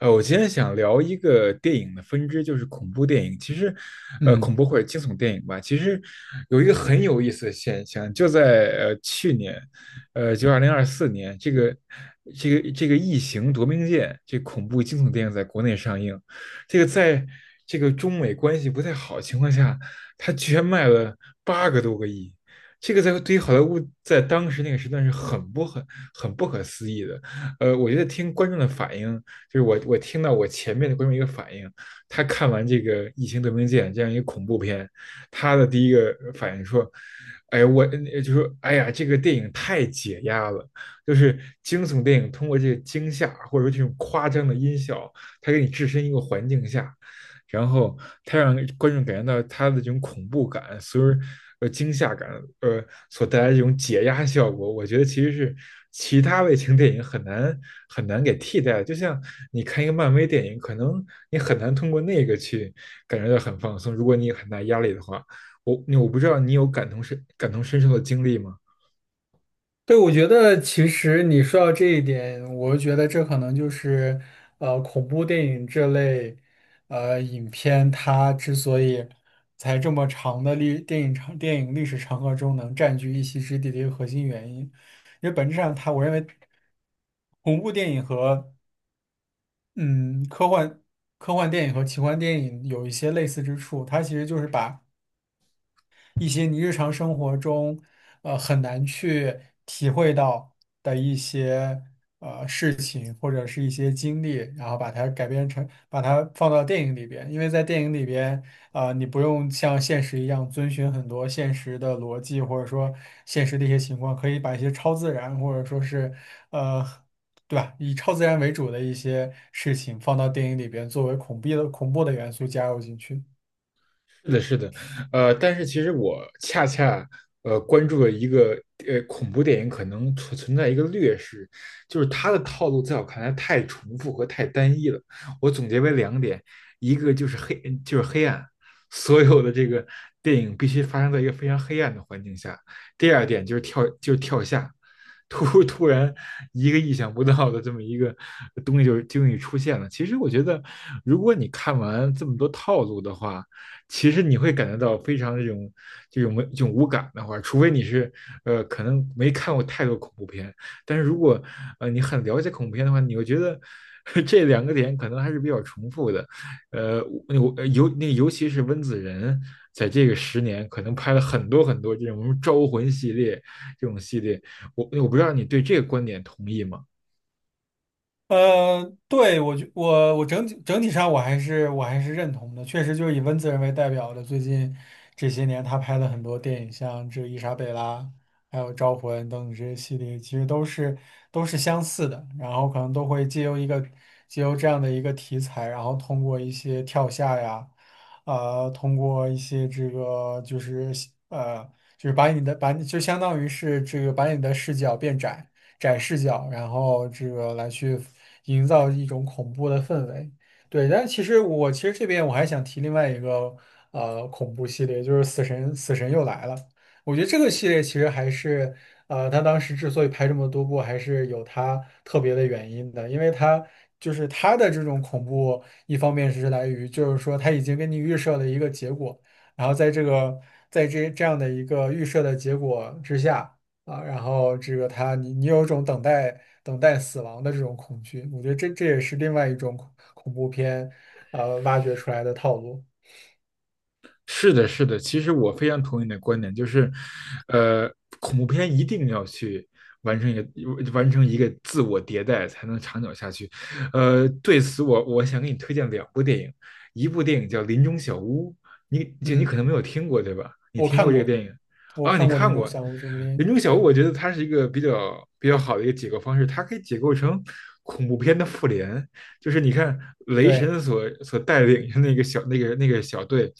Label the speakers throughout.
Speaker 1: 我今天想聊一个电影的分支，就是恐怖电影。其实，
Speaker 2: 嗯，
Speaker 1: 恐怖或者惊悚电影吧，其实有一个很有意思的现象，就在去年，就2024年，这个《异形：夺命舰》这恐怖惊悚电影在国内上映，这个在这个中美关系不太好的情况下，它居然卖了八个多个亿。这个在对于好莱坞在当时那个时段是很不可思议的，我觉得听观众的反应，就是我听到我前面的观众一个反应，他看完这个《异形：夺命舰》这样一个恐怖片，他的第一个反应说："哎，我就说哎呀，这个电影太解压了，就是惊悚电影通过这个惊吓或者说这种夸张的音效，它给你置身一个环境下，然后它让观众感觉到它的这种恐怖感，所以惊吓感，呃所带来这种解压效果，我觉得其实是其他类型电影很难很难给替代的，就像你看一个漫威电影，可能你很难通过那个去感觉到很放松，如果你有很大压力的话。我不知道你有感同身受的经历吗？
Speaker 2: 对，我觉得其实你说到这一点，我觉得这可能就是恐怖电影这类影片，它之所以在这么长的历电影长电影历史长河中能占据一席之地的一个核心原因，因为本质上它，我认为恐怖电影和嗯科幻科幻电影和奇幻电影有一些类似之处，它其实就是把一些你日常生活中很难去体会到的一些事情或者是一些经历，然后把它改编成把它放到电影里边，因为在电影里边啊、你不用像现实一样遵循很多现实的逻辑，或者说现实的一些情况，可以把一些超自然或者说是呃。对吧？以超自然为主的一些事情放到电影里边，作为恐怖的元素加入进去。
Speaker 1: 是的，是的，但是其实我恰恰关注了一个恐怖电影可能存在一个劣势，就是它的套路在我看来太重复和太单一了。我总结为两点，一个就是黑，就是黑暗，所有的这个电影必须发生在一个非常黑暗的环境下；第二点就是跳，就是跳下，突然一个意想不到的这么一个东西出现了。其实我觉得，如果你看完这么多套路的话，其实你会感觉到非常这种这种无感的话，除非你是可能没看过太多恐怖片，但是如果你很了解恐怖片的话，你会觉得 这两个点可能还是比较重复的，呃，我尤其是温子仁在这个十年可能拍了很多很多这种招魂系列这种系列，我不知道你对这个观点同意吗？
Speaker 2: 对，我觉我我整体上我还是认同的，确实就是以温子仁为代表的，最近这些年他拍了很多电影，像这《伊莎贝拉》还有《招魂》等等这些系列，其实都是相似的，然后可能都会借由这样的一个题材，然后通过一些跳下呀，通过一些呃就是把你就相当于是这个把你的视角变窄。窄视角，然后这个来去营造一种恐怖的氛围。对，但其实这边我还想提另外一个恐怖系列，就是死神又来了》。我觉得这个系列其实还是他当时之所以拍这么多部，还是有他特别的原因的，因为他就是他的这种恐怖，一方面是来于就是说他已经给你预设了一个结果，然后在这样的一个预设的结果之下。啊，然后这个他，你你有一种等待死亡的这种恐惧，我觉得这也是另外一种恐怖片，挖掘出来的套路。
Speaker 1: 是的，是的，其实我非常同意你的观点，就是，呃，恐怖片一定要去完成一个自我迭代，才能长久下去。对此我想给你推荐两部电影，一部电影叫《林中小屋》，你可能
Speaker 2: 嗯，
Speaker 1: 没有听过，对吧？你
Speaker 2: 我
Speaker 1: 听过
Speaker 2: 看
Speaker 1: 这个
Speaker 2: 过，
Speaker 1: 电影
Speaker 2: 我
Speaker 1: 啊？你
Speaker 2: 看过《林
Speaker 1: 看
Speaker 2: 中
Speaker 1: 过
Speaker 2: 祥物》这部电
Speaker 1: 《林中
Speaker 2: 影，
Speaker 1: 小屋》？
Speaker 2: 对
Speaker 1: 我觉得它是一个比较好的一个解构方式，它可以解构成恐怖片的复联，就是你看雷
Speaker 2: 对，
Speaker 1: 神所带领的那个小那个那个小队，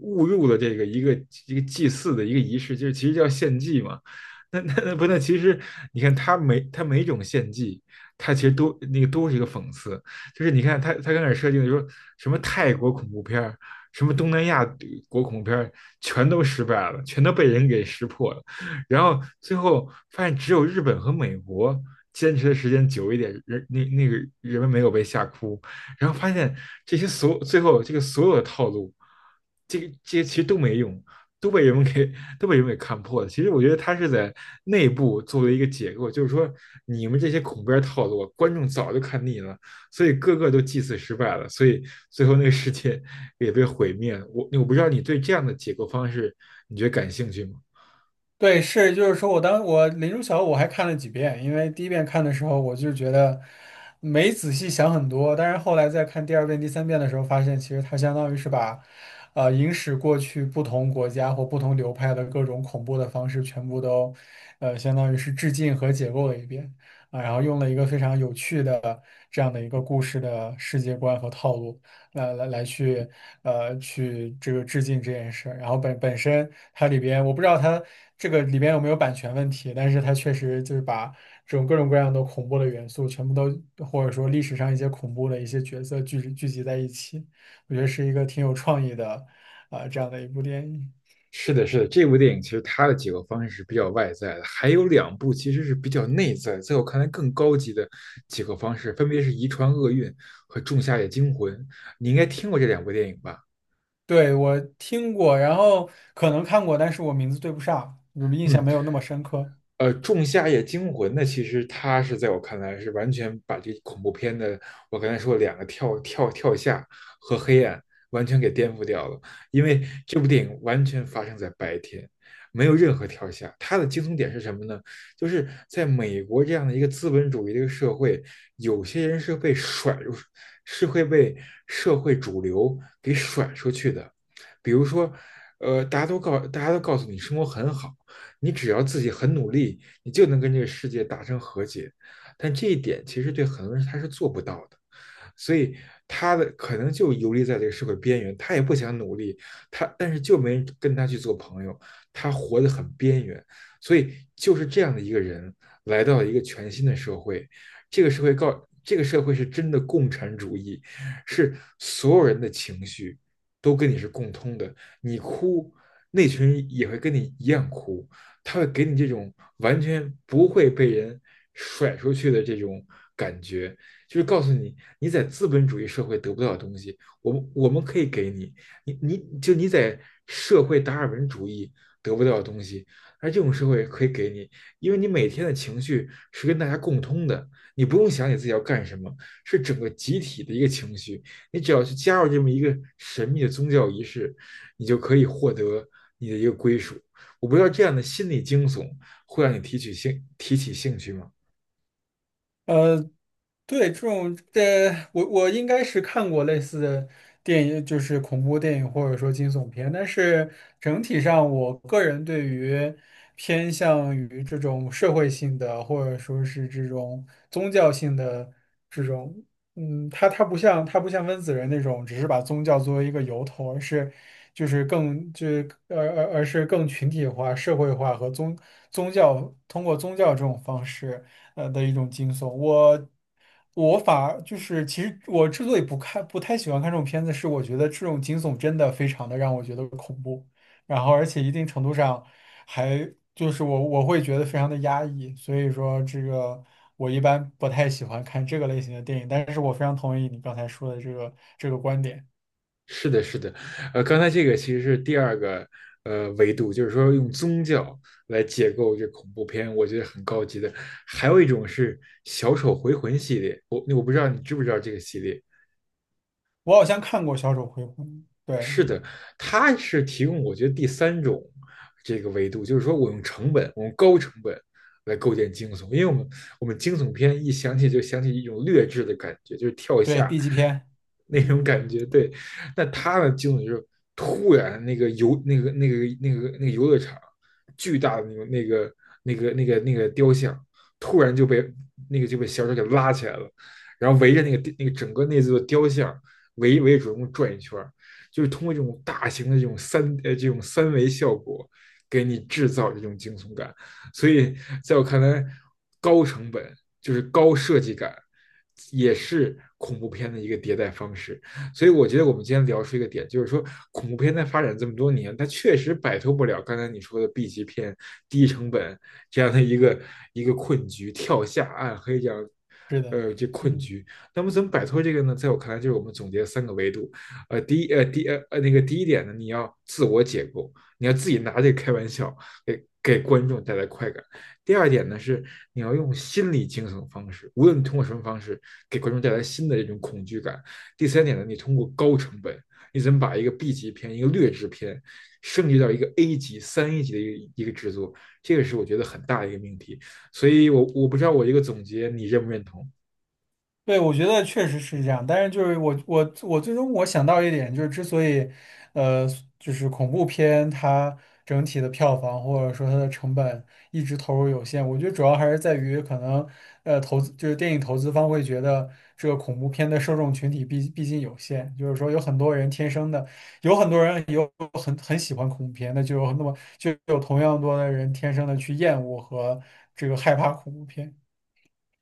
Speaker 1: 误入了一个祭祀的一个仪式，就是其实叫献祭嘛。那那那不那其实你看他每种献祭，他其实都是一个讽刺，就是你看他刚开始设定的说什么泰国恐怖片儿，什么东南亚国恐怖片儿，全都失败了，全都被人给识破了。然后最后发现只有日本和美国坚持的时间久一点，人人们没有被吓哭，然后发现这些所最后这个所有的套路，这些其实都没用，都被人们给都被人们给看破了。其实我觉得他是在内部做了一个解构，就是说你们这些恐怖片套路，观众早就看腻了，所以个个都祭祀失败了，所以最后那个世界也被毁灭了。我不知道你对这样的解构方式，你觉得感兴趣吗？
Speaker 2: 对，是，就是说我当我《林如晓》我还看了几遍，因为第一遍看的时候我就觉得没仔细想很多，但是后来在看第二遍、第三遍的时候，发现其实它相当于是把，影史过去不同国家或不同流派的各种恐怖的方式全部都，相当于是致敬和解构了一遍啊，然后用了一个非常有趣的这样的一个故事的世界观和套路。来来来去呃去这个致敬这件事儿，然后本身它里边，我不知道它这个里边有没有版权问题，但是它确实就是把这种各种各样的恐怖的元素全部都或者说历史上一些恐怖的一些角色聚集在一起，我觉得是一个挺有创意的这样的一部电影。
Speaker 1: 是的，是的，这部电影其实它的几个方式是比较外在的，还有两部其实是比较内在，在我看来更高级的几个方式，分别是《遗传厄运》和《仲夏夜惊魂》。你应该听过这两部电影吧？
Speaker 2: 对，我听过，然后可能看过，但是我名字对不上，我印
Speaker 1: 嗯，
Speaker 2: 象没有那么深刻。
Speaker 1: 仲夏夜惊魂》呢，其实它是在我看来是完全把这恐怖片的我刚才说两个跳下和黑暗完全给颠覆掉了，因为这部电影完全发生在白天，没有任何跳下。它的惊悚点是什么呢？就是在美国这样的一个资本主义的一个社会，有些人是被甩入，是会被社会主流给甩出去的。比如说，大家都告诉你生活很好。你只要自己很努力，你就能跟这个世界达成和解。但这一点其实对很多人他是做不到的。所以他的可能就游离在这个社会边缘，他也不想努力，他但是就没人跟他去做朋友，他活得很边缘，所以就是这样的一个人来到了一个全新的社会，这个社会告这个社会是真的共产主义，是所有人的情绪都跟你是共通的，你哭，那群人也会跟你一样哭，他会给你这种完全不会被人甩出去的这种感觉，就是告诉你，你在资本主义社会得不到的东西，我们可以给你，你你就你在社会达尔文主义得不到的东西，而这种社会可以给你，因为你每天的情绪是跟大家共通的，你不用想你自己要干什么，是整个集体的一个情绪，你只要去加入这么一个神秘的宗教仪式，你就可以获得你的一个归属。我不知道这样的心理惊悚会让你提起兴趣吗？
Speaker 2: 呃，对，这种我我应该是看过类似的电影，就是恐怖电影或者说惊悚片，但是整体上，我个人对于偏向于这种社会性的，或者说是这种宗教性的这种，嗯，它不像温子仁那种，只是把宗教作为一个由头，而是就是更就是呃而而是更群体化、社会化，宗教通过宗教这种方式。的一种惊悚。我我反而就是，其实我之所以不太喜欢看这种片子，是我觉得这种惊悚真的非常的让我觉得恐怖，然后而且一定程度上还就是我我会觉得非常的压抑，所以说这个我一般不太喜欢看这个类型的电影，但是我非常同意你刚才说的这个观点。
Speaker 1: 是的，是的，刚才这个其实是第二个维度，就是说用宗教来解构这恐怖片，我觉得很高级的。还有一种是小丑回魂系列，我不知道你知不知道这个系列，
Speaker 2: 我好像看过《小丑回魂》，对
Speaker 1: 是的，它是提供我觉得第三种这个维度，就是说我用成本，我用高成本来构建惊悚，因为我们惊悚片一想起就想起一种劣质的感觉，就是跳
Speaker 2: 对
Speaker 1: 下
Speaker 2: ，B 级片，
Speaker 1: 那种
Speaker 2: 嗯，
Speaker 1: 感觉。对，那他的惊悚就是突然那个游那个那个那个那个游乐场巨大的那个雕像，突然就被小丑给拉起来了，然后围着整个那座雕像围着主人公转一圈。就是通过这种大型的这种这种三维效果，给你制造这种惊悚感。所以在我看来，高成本就是高设计感，也是恐怖片的一个迭代方式。所以我觉得我们今天聊出一个点，就是说恐怖片在发展这么多年，它确实摆脱不了刚才你说的 B 级片、低成本这样的一个困局，跳下暗黑这样。
Speaker 2: 是的，
Speaker 1: 这困
Speaker 2: 嗯。
Speaker 1: 局，那么怎么摆脱这个呢？在我看来，就是我们总结三个维度：呃，第一呃第呃呃那个第一点呢，你要自我解构，你要自己拿这个开玩笑，给观众带来快感。第二点呢是你要用心理惊悚方式，无论通过什么方式，给观众带来新的这种恐惧感。第三点呢，你通过高成本，你怎么把一个 B 级片、一个劣质片升级到一个 A 级、三 A 级的一个制作，这个是我觉得很大的一个命题。所以我不知道我一个总结你认不认同，
Speaker 2: 对，我觉得确实是这样，但是就是我最终我想到一点，就是之所以，呃，就是恐怖片它整体的票房或者说它的成本一直投入有限，我觉得主要还是在于可能，投资就是电影投资方会觉得这个恐怖片的受众群体毕竟有限，就是说有很多人天生的，有很多人有很喜欢恐怖片，那么就有同样多的人天生的去厌恶和这个害怕恐怖片。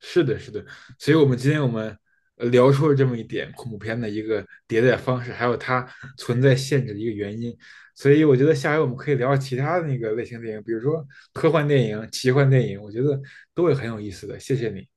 Speaker 1: 是的，是的，所以我们今天聊出了这么一点恐怖片的一个迭代方式，还有它存在限制的一个原因。所以我觉得下回我们可以聊聊其他的那个类型电影，比如说科幻电影、奇幻电影，我觉得都会很有意思的。谢谢你。